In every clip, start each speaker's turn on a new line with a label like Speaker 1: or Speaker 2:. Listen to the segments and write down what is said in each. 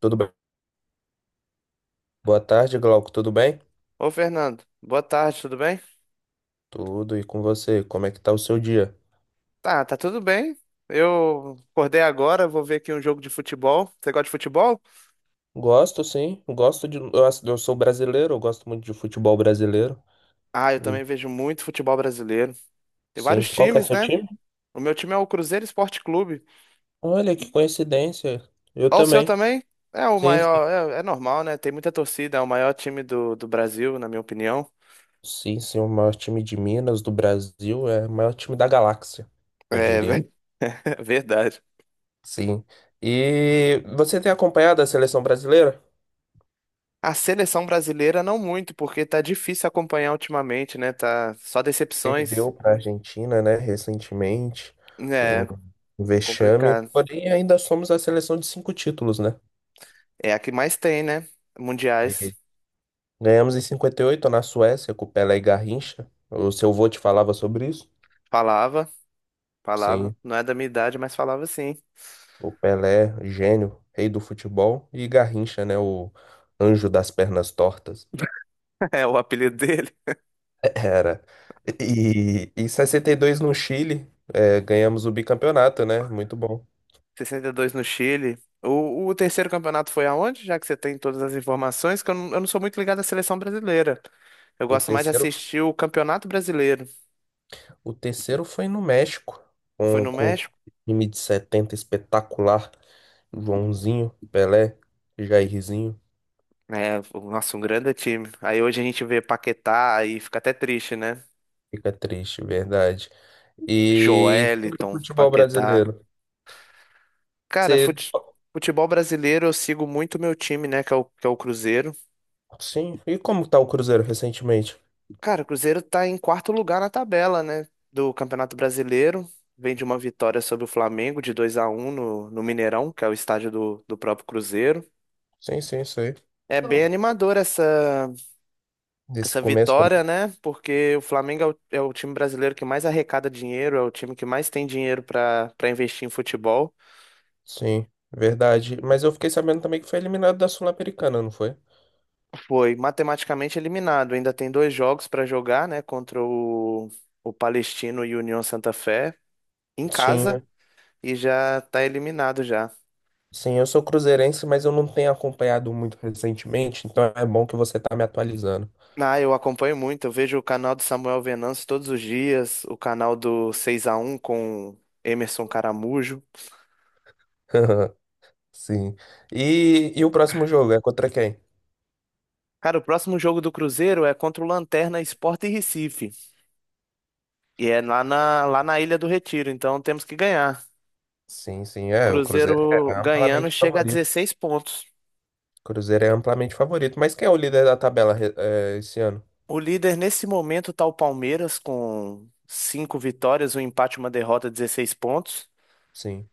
Speaker 1: Tudo bem? Boa tarde, Glauco. Tudo bem?
Speaker 2: Ô, Fernando, boa tarde, tudo bem?
Speaker 1: Tudo. E com você? Como é que tá o seu dia?
Speaker 2: Tá tudo bem. Eu acordei agora, vou ver aqui um jogo de futebol. Você gosta de futebol?
Speaker 1: Gosto, sim. Gosto de. Eu, eu sou brasileiro, eu gosto muito de futebol brasileiro.
Speaker 2: Ah, eu
Speaker 1: E,
Speaker 2: também vejo muito futebol brasileiro. Tem
Speaker 1: sim.
Speaker 2: vários
Speaker 1: Qual que é
Speaker 2: times,
Speaker 1: seu
Speaker 2: né?
Speaker 1: time?
Speaker 2: O meu time é o Cruzeiro Esporte Clube.
Speaker 1: Olha, que coincidência. Eu
Speaker 2: Ó, o seu
Speaker 1: também.
Speaker 2: também? É o
Speaker 1: Sim, sim.
Speaker 2: maior, é normal, né? Tem muita torcida, é o maior time do Brasil, na minha opinião.
Speaker 1: Sim, sim, o maior time de Minas, do Brasil, é o maior time da galáxia, eu
Speaker 2: É,
Speaker 1: diria.
Speaker 2: verdade.
Speaker 1: Sim. E você tem acompanhado a seleção brasileira?
Speaker 2: A seleção brasileira não muito, porque tá difícil acompanhar ultimamente, né? Tá só decepções.
Speaker 1: Perdeu para a Argentina, né, recentemente, um
Speaker 2: É
Speaker 1: um vexame.
Speaker 2: complicado.
Speaker 1: Porém, ainda somos a seleção de cinco títulos, né?
Speaker 2: É a que mais tem, né? Mundiais.
Speaker 1: E Ganhamos em 58 na Suécia com o Pelé e Garrincha. O seu vô te falava sobre isso?
Speaker 2: Falava, falava.
Speaker 1: Sim,
Speaker 2: Não é da minha idade, mas falava sim.
Speaker 1: o Pelé, gênio, rei do futebol, e Garrincha, né, o anjo das pernas tortas.
Speaker 2: É o apelido dele.
Speaker 1: Era. E em 62 no Chile, é, ganhamos o bicampeonato, né? Muito bom.
Speaker 2: 62 no Chile. O terceiro campeonato foi aonde? Já que você tem todas as informações, que eu não sou muito ligado à seleção brasileira. Eu
Speaker 1: O
Speaker 2: gosto mais de
Speaker 1: terceiro
Speaker 2: assistir o Campeonato Brasileiro.
Speaker 1: O terceiro foi no México,
Speaker 2: Foi no
Speaker 1: com o
Speaker 2: México?
Speaker 1: time de 70 espetacular. Joãozinho, Pelé, Jairzinho.
Speaker 2: É, nossa, um grande time. Aí hoje a gente vê Paquetá e fica até triste, né?
Speaker 1: Fica triste, verdade. E sobre o
Speaker 2: Joeliton,
Speaker 1: futebol
Speaker 2: Paquetá.
Speaker 1: brasileiro.
Speaker 2: Cara,
Speaker 1: Você...
Speaker 2: fute- futebol brasileiro eu sigo muito meu time, né? Que é o Cruzeiro.
Speaker 1: Sim, e como tá o Cruzeiro recentemente?
Speaker 2: Cara, o Cruzeiro tá em quarto lugar na tabela, né, do Campeonato Brasileiro. Vem de uma vitória sobre o Flamengo de 2-1 no Mineirão, que é o estádio do próprio Cruzeiro.
Speaker 1: Sim, sim, sei.
Speaker 2: É bem animador essa,
Speaker 1: Desse
Speaker 2: essa
Speaker 1: começo, né?
Speaker 2: vitória, né? Porque o Flamengo é é o time brasileiro que mais arrecada dinheiro, é o time que mais tem dinheiro para investir em futebol.
Speaker 1: Sim, verdade. Mas eu fiquei sabendo também que foi eliminado da Sul-Americana, não foi?
Speaker 2: Foi matematicamente eliminado, ainda tem dois jogos para jogar, né? Contra o Palestino e o União Santa Fé, em
Speaker 1: Sim,
Speaker 2: casa, e já tá eliminado já.
Speaker 1: sim, eu sou cruzeirense, mas eu não tenho acompanhado muito recentemente, então é bom que você tá me atualizando.
Speaker 2: Ah, eu acompanho muito. Eu vejo o canal do Samuel Venâncio todos os dias, o canal do 6-1 com Emerson Caramujo.
Speaker 1: Sim. E o próximo jogo é contra quem?
Speaker 2: Cara, o próximo jogo do Cruzeiro é contra o Lanterna Sport e Recife. E é lá na Ilha do Retiro, então temos que ganhar.
Speaker 1: Sim, sim, é. O Cruzeiro
Speaker 2: Cruzeiro
Speaker 1: é
Speaker 2: ganhando
Speaker 1: amplamente
Speaker 2: chega a
Speaker 1: favorito.
Speaker 2: 16 pontos.
Speaker 1: O Cruzeiro é amplamente favorito. Mas quem é o líder da tabela, é, esse ano?
Speaker 2: O líder nesse momento tá o Palmeiras com 5 vitórias, um empate, uma derrota, 16 pontos.
Speaker 1: Sim.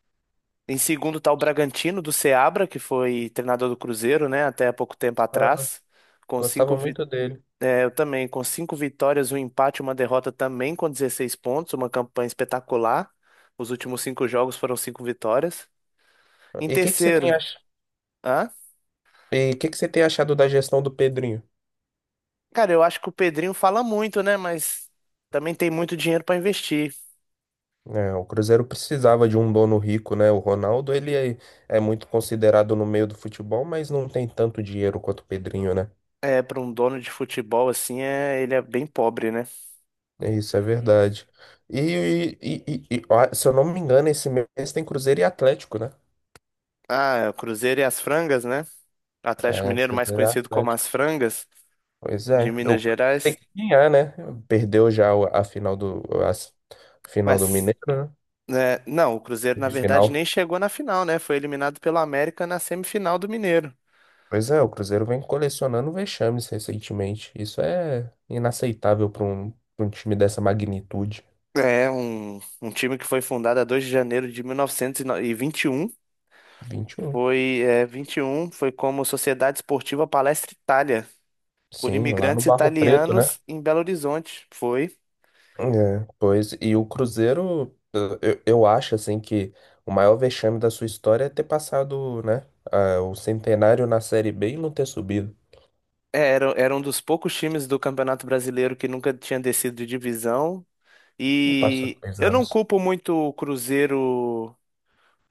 Speaker 2: Em segundo tá o Bragantino do Seabra, que foi treinador do Cruzeiro, né, até há pouco tempo
Speaker 1: Gostava,
Speaker 2: atrás, com cinco
Speaker 1: gostava
Speaker 2: vi-
Speaker 1: muito dele.
Speaker 2: é, eu também, com cinco vitórias, um empate, uma derrota também com 16 pontos, uma campanha espetacular. Os últimos cinco jogos foram cinco vitórias. Em
Speaker 1: E o que que você tem
Speaker 2: terceiro,
Speaker 1: ach...
Speaker 2: hã?
Speaker 1: E que você tem achado da gestão do Pedrinho?
Speaker 2: Cara, eu acho que o Pedrinho fala muito, né, mas também tem muito dinheiro para investir.
Speaker 1: É, o Cruzeiro precisava de um dono rico, né? O Ronaldo, ele é, é muito considerado no meio do futebol, mas não tem tanto dinheiro quanto o Pedrinho, né?
Speaker 2: É, para um dono de futebol assim, é, ele é bem pobre, né?
Speaker 1: É. Isso é verdade. E, ó, se eu não me engano, esse mês tem Cruzeiro e Atlético, né?
Speaker 2: Ah, o Cruzeiro e as Frangas, né? Atlético
Speaker 1: É,
Speaker 2: Mineiro, mais
Speaker 1: Cruzeiro e
Speaker 2: conhecido como
Speaker 1: Atlético.
Speaker 2: as Frangas
Speaker 1: Pois
Speaker 2: de
Speaker 1: é,
Speaker 2: Minas
Speaker 1: eu tem
Speaker 2: Gerais.
Speaker 1: que ganhar, né? Perdeu já a final do a s- final do
Speaker 2: Mas,
Speaker 1: Mineiro, né?
Speaker 2: né, não, o Cruzeiro, na
Speaker 1: Final.
Speaker 2: verdade, nem chegou na final, né? Foi eliminado pelo América na semifinal do Mineiro.
Speaker 1: Pois é, o Cruzeiro vem colecionando vexames recentemente. Isso é inaceitável para pra um time dessa magnitude.
Speaker 2: É, um time que foi fundado a 2 de janeiro de mil novecentos e vinte e um.
Speaker 1: 21.
Speaker 2: Foi, é, 21, foi como Sociedade Esportiva Palestra Itália, por
Speaker 1: Sim, lá no
Speaker 2: imigrantes
Speaker 1: Barro Preto, né?
Speaker 2: italianos em Belo Horizonte. Foi.
Speaker 1: É, pois, e o Cruzeiro, eu acho assim que o maior vexame da sua história é ter passado, né, ah, o centenário na Série B e não ter subido.
Speaker 2: É, era um dos poucos times do Campeonato Brasileiro que nunca tinha descido de divisão.
Speaker 1: E passou
Speaker 2: E
Speaker 1: três
Speaker 2: eu não
Speaker 1: anos.
Speaker 2: culpo muito o Cruzeiro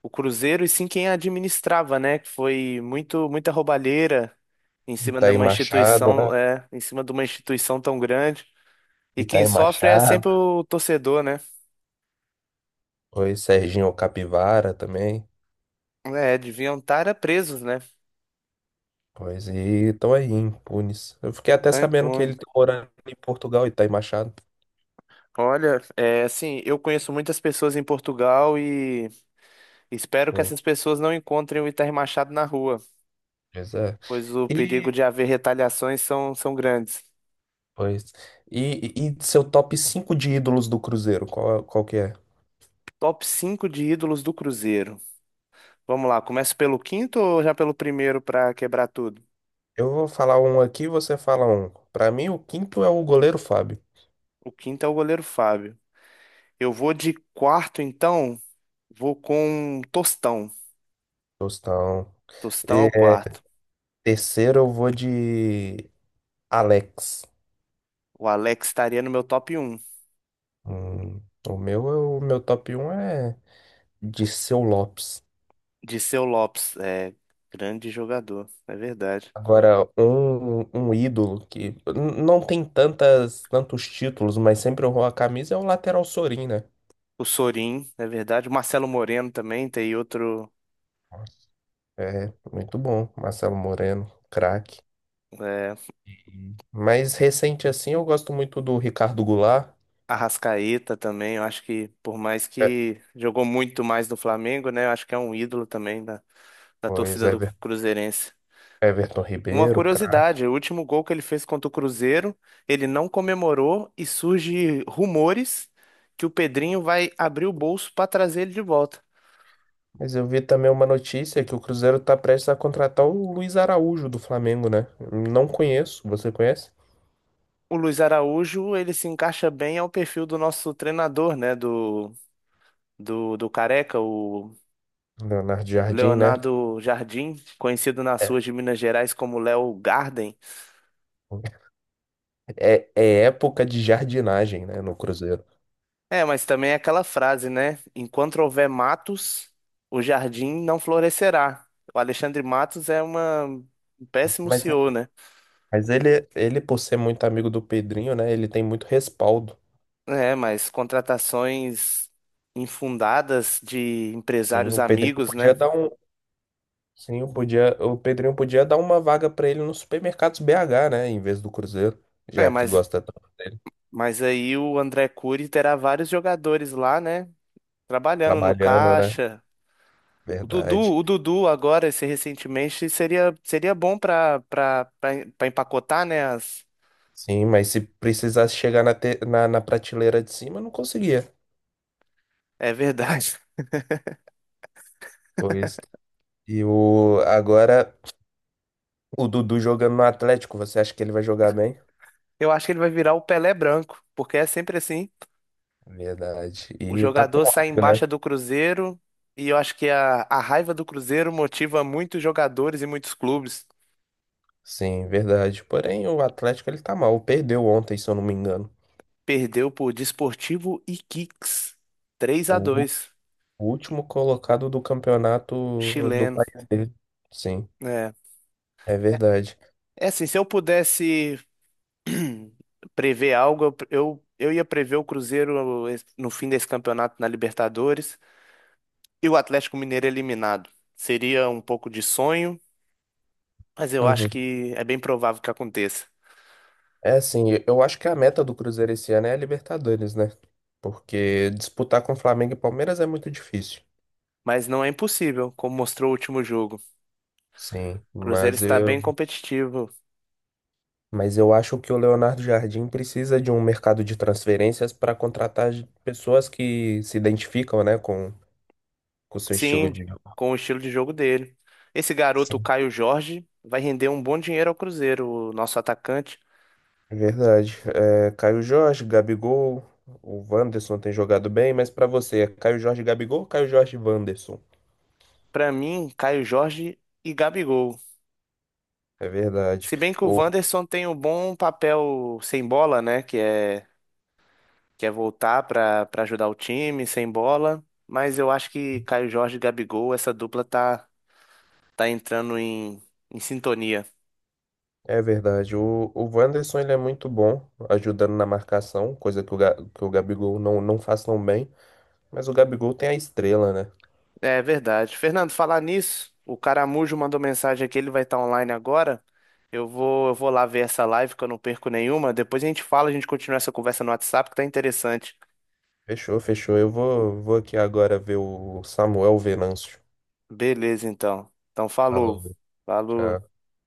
Speaker 2: o Cruzeiro e sim quem a administrava, né? Que foi muita roubalheira em
Speaker 1: E
Speaker 2: cima
Speaker 1: tá
Speaker 2: de
Speaker 1: aí
Speaker 2: uma
Speaker 1: Machado, né?
Speaker 2: instituição, em cima de uma instituição tão grande.
Speaker 1: E
Speaker 2: E
Speaker 1: tá
Speaker 2: quem
Speaker 1: aí
Speaker 2: sofre é
Speaker 1: Machado.
Speaker 2: sempre o torcedor, né?
Speaker 1: Pois, Serginho Capivara também.
Speaker 2: É, deviam estar presos, né?
Speaker 1: Pois, e estão aí, impunes. Eu fiquei até
Speaker 2: Tá
Speaker 1: sabendo que
Speaker 2: impune.
Speaker 1: ele tá morando em Portugal e tá aí Machado.
Speaker 2: Olha, é assim, eu conheço muitas pessoas em Portugal e espero que
Speaker 1: Pois,
Speaker 2: essas pessoas não encontrem o Itamar Machado na rua,
Speaker 1: pois é.
Speaker 2: pois o
Speaker 1: E,
Speaker 2: perigo de haver retaliações são grandes.
Speaker 1: pois, e, e seu top 5 de ídolos do Cruzeiro, qual, qual que é?
Speaker 2: Top 5 de ídolos do Cruzeiro. Vamos lá, começa pelo quinto ou já pelo primeiro para quebrar tudo?
Speaker 1: Eu vou falar um aqui, você fala um. Pra mim, o quinto é o goleiro Fábio.
Speaker 2: O quinto é o goleiro Fábio. Eu vou de quarto, então, vou com Tostão.
Speaker 1: Tostão.
Speaker 2: Tostão é
Speaker 1: E,
Speaker 2: o
Speaker 1: é,
Speaker 2: quarto.
Speaker 1: terceiro, eu vou de Alex.
Speaker 2: O Alex estaria no meu top um.
Speaker 1: Hum, o meu top um é de Seu Lopes.
Speaker 2: Dirceu Lopes, é grande jogador, é verdade.
Speaker 1: Agora, um ídolo que não tem tantos títulos, mas sempre honrou a camisa é o lateral Sorin, né?
Speaker 2: O Sorin, é verdade. O Marcelo Moreno também, tem outro.
Speaker 1: É, muito bom. Marcelo Moreno, craque.
Speaker 2: É,
Speaker 1: Uhum. Mas recente assim, eu gosto muito do Ricardo Goulart.
Speaker 2: Arrascaeta também, eu acho que, por mais
Speaker 1: É,
Speaker 2: que jogou muito mais no Flamengo, né? Eu acho que é um ídolo também da
Speaker 1: pois
Speaker 2: torcida
Speaker 1: é.
Speaker 2: do Cruzeirense.
Speaker 1: Everton
Speaker 2: Uma
Speaker 1: Ribeiro, craque.
Speaker 2: curiosidade, o último gol que ele fez contra o Cruzeiro, ele não comemorou e surge rumores que o Pedrinho vai abrir o bolso para trazer ele de volta.
Speaker 1: Mas eu vi também uma notícia que o Cruzeiro tá prestes a contratar o Luiz Araújo do Flamengo, né? Não conheço, você conhece?
Speaker 2: O Luiz Araújo, ele se encaixa bem ao perfil do nosso treinador, né, do Careca, o
Speaker 1: Leonardo Jardim, né?
Speaker 2: Leonardo Jardim, conhecido nas
Speaker 1: É,
Speaker 2: ruas de Minas Gerais como Léo Garden.
Speaker 1: é época de jardinagem, né, no Cruzeiro.
Speaker 2: É, mas também é aquela frase, né? Enquanto houver matos, o jardim não florescerá. O Alexandre Matos é uma... um péssimo
Speaker 1: Mas,
Speaker 2: CEO, né?
Speaker 1: mas ele, por ser muito amigo do Pedrinho, né, ele tem muito respaldo.
Speaker 2: É, mas contratações infundadas de
Speaker 1: Sim,
Speaker 2: empresários
Speaker 1: o Pedrinho
Speaker 2: amigos,
Speaker 1: podia
Speaker 2: né?
Speaker 1: dar um, sim, o Pedrinho podia dar uma vaga pra ele nos supermercados BH, né, em vez do Cruzeiro,
Speaker 2: É,
Speaker 1: já que
Speaker 2: mas,
Speaker 1: gosta tanto dele,
Speaker 2: mas aí o André Cury terá vários jogadores lá, né? Trabalhando no
Speaker 1: trabalhando, né?
Speaker 2: caixa. O Dudu,
Speaker 1: Verdade.
Speaker 2: o Dudu agora, esse recentemente, seria bom para empacotar, né? As...
Speaker 1: Sim, mas se precisasse chegar na prateleira de cima, não conseguia.
Speaker 2: É verdade.
Speaker 1: Pois. E o, agora, o Dudu jogando no Atlético, você acha que ele vai jogar bem?
Speaker 2: Eu acho que ele vai virar o Pelé branco, porque é sempre assim.
Speaker 1: Verdade.
Speaker 2: O
Speaker 1: E tá com
Speaker 2: jogador sai em
Speaker 1: ódio, né?
Speaker 2: baixa do Cruzeiro e eu acho que a raiva do Cruzeiro motiva muitos jogadores e muitos clubes.
Speaker 1: Sim, verdade. Porém, o Atlético, ele tá mal. Perdeu ontem, se eu não me engano.
Speaker 2: Perdeu por Desportivo Iquiques, 3 a
Speaker 1: O,
Speaker 2: 2,
Speaker 1: o último colocado do campeonato do
Speaker 2: chileno.
Speaker 1: país dele. Sim,
Speaker 2: É.
Speaker 1: é verdade.
Speaker 2: É assim, se eu pudesse prever algo, eu ia prever o Cruzeiro no fim desse campeonato na Libertadores e o Atlético Mineiro eliminado. Seria um pouco de sonho, mas eu acho
Speaker 1: Uhum.
Speaker 2: que é bem provável que aconteça.
Speaker 1: É assim, eu acho que a meta do Cruzeiro esse ano é a Libertadores, né? Porque disputar com Flamengo e Palmeiras é muito difícil.
Speaker 2: Mas não é impossível, como mostrou o último jogo. O
Speaker 1: Sim,
Speaker 2: Cruzeiro
Speaker 1: mas
Speaker 2: está bem
Speaker 1: eu,
Speaker 2: competitivo.
Speaker 1: mas eu acho que o Leonardo Jardim precisa de um mercado de transferências para contratar pessoas que se identificam, né, com o seu estilo
Speaker 2: Sim,
Speaker 1: de jogo.
Speaker 2: com o estilo de jogo dele. Esse garoto, o
Speaker 1: Sim.
Speaker 2: Caio Jorge, vai render um bom dinheiro ao Cruzeiro, o nosso atacante.
Speaker 1: Verdade. É, Caio Jorge, Gabigol, o Wanderson tem jogado bem, mas para você, é Caio Jorge, Gabigol ou Caio Jorge, e Wanderson?
Speaker 2: Para mim, Caio Jorge e Gabigol.
Speaker 1: É verdade.
Speaker 2: Se bem que o
Speaker 1: O,
Speaker 2: Wanderson tem um bom papel sem bola, né? Que é voltar para ajudar o time sem bola. Mas eu acho que Caio Jorge e Gabigol, essa dupla tá entrando em sintonia.
Speaker 1: é verdade. O Wanderson ele é muito bom ajudando na marcação, coisa que que o Gabigol não faz tão bem, mas o Gabigol tem a estrela, né?
Speaker 2: É verdade. Fernando, falar nisso, o Caramujo mandou mensagem aqui, ele vai estar online agora. Eu vou lá ver essa live que eu não perco nenhuma. Depois a gente fala, a gente continua essa conversa no WhatsApp que tá interessante.
Speaker 1: Fechou, fechou. Vou aqui agora ver o Samuel Venâncio.
Speaker 2: Beleza, então. Então, falou.
Speaker 1: Falou, tchau.
Speaker 2: Falou.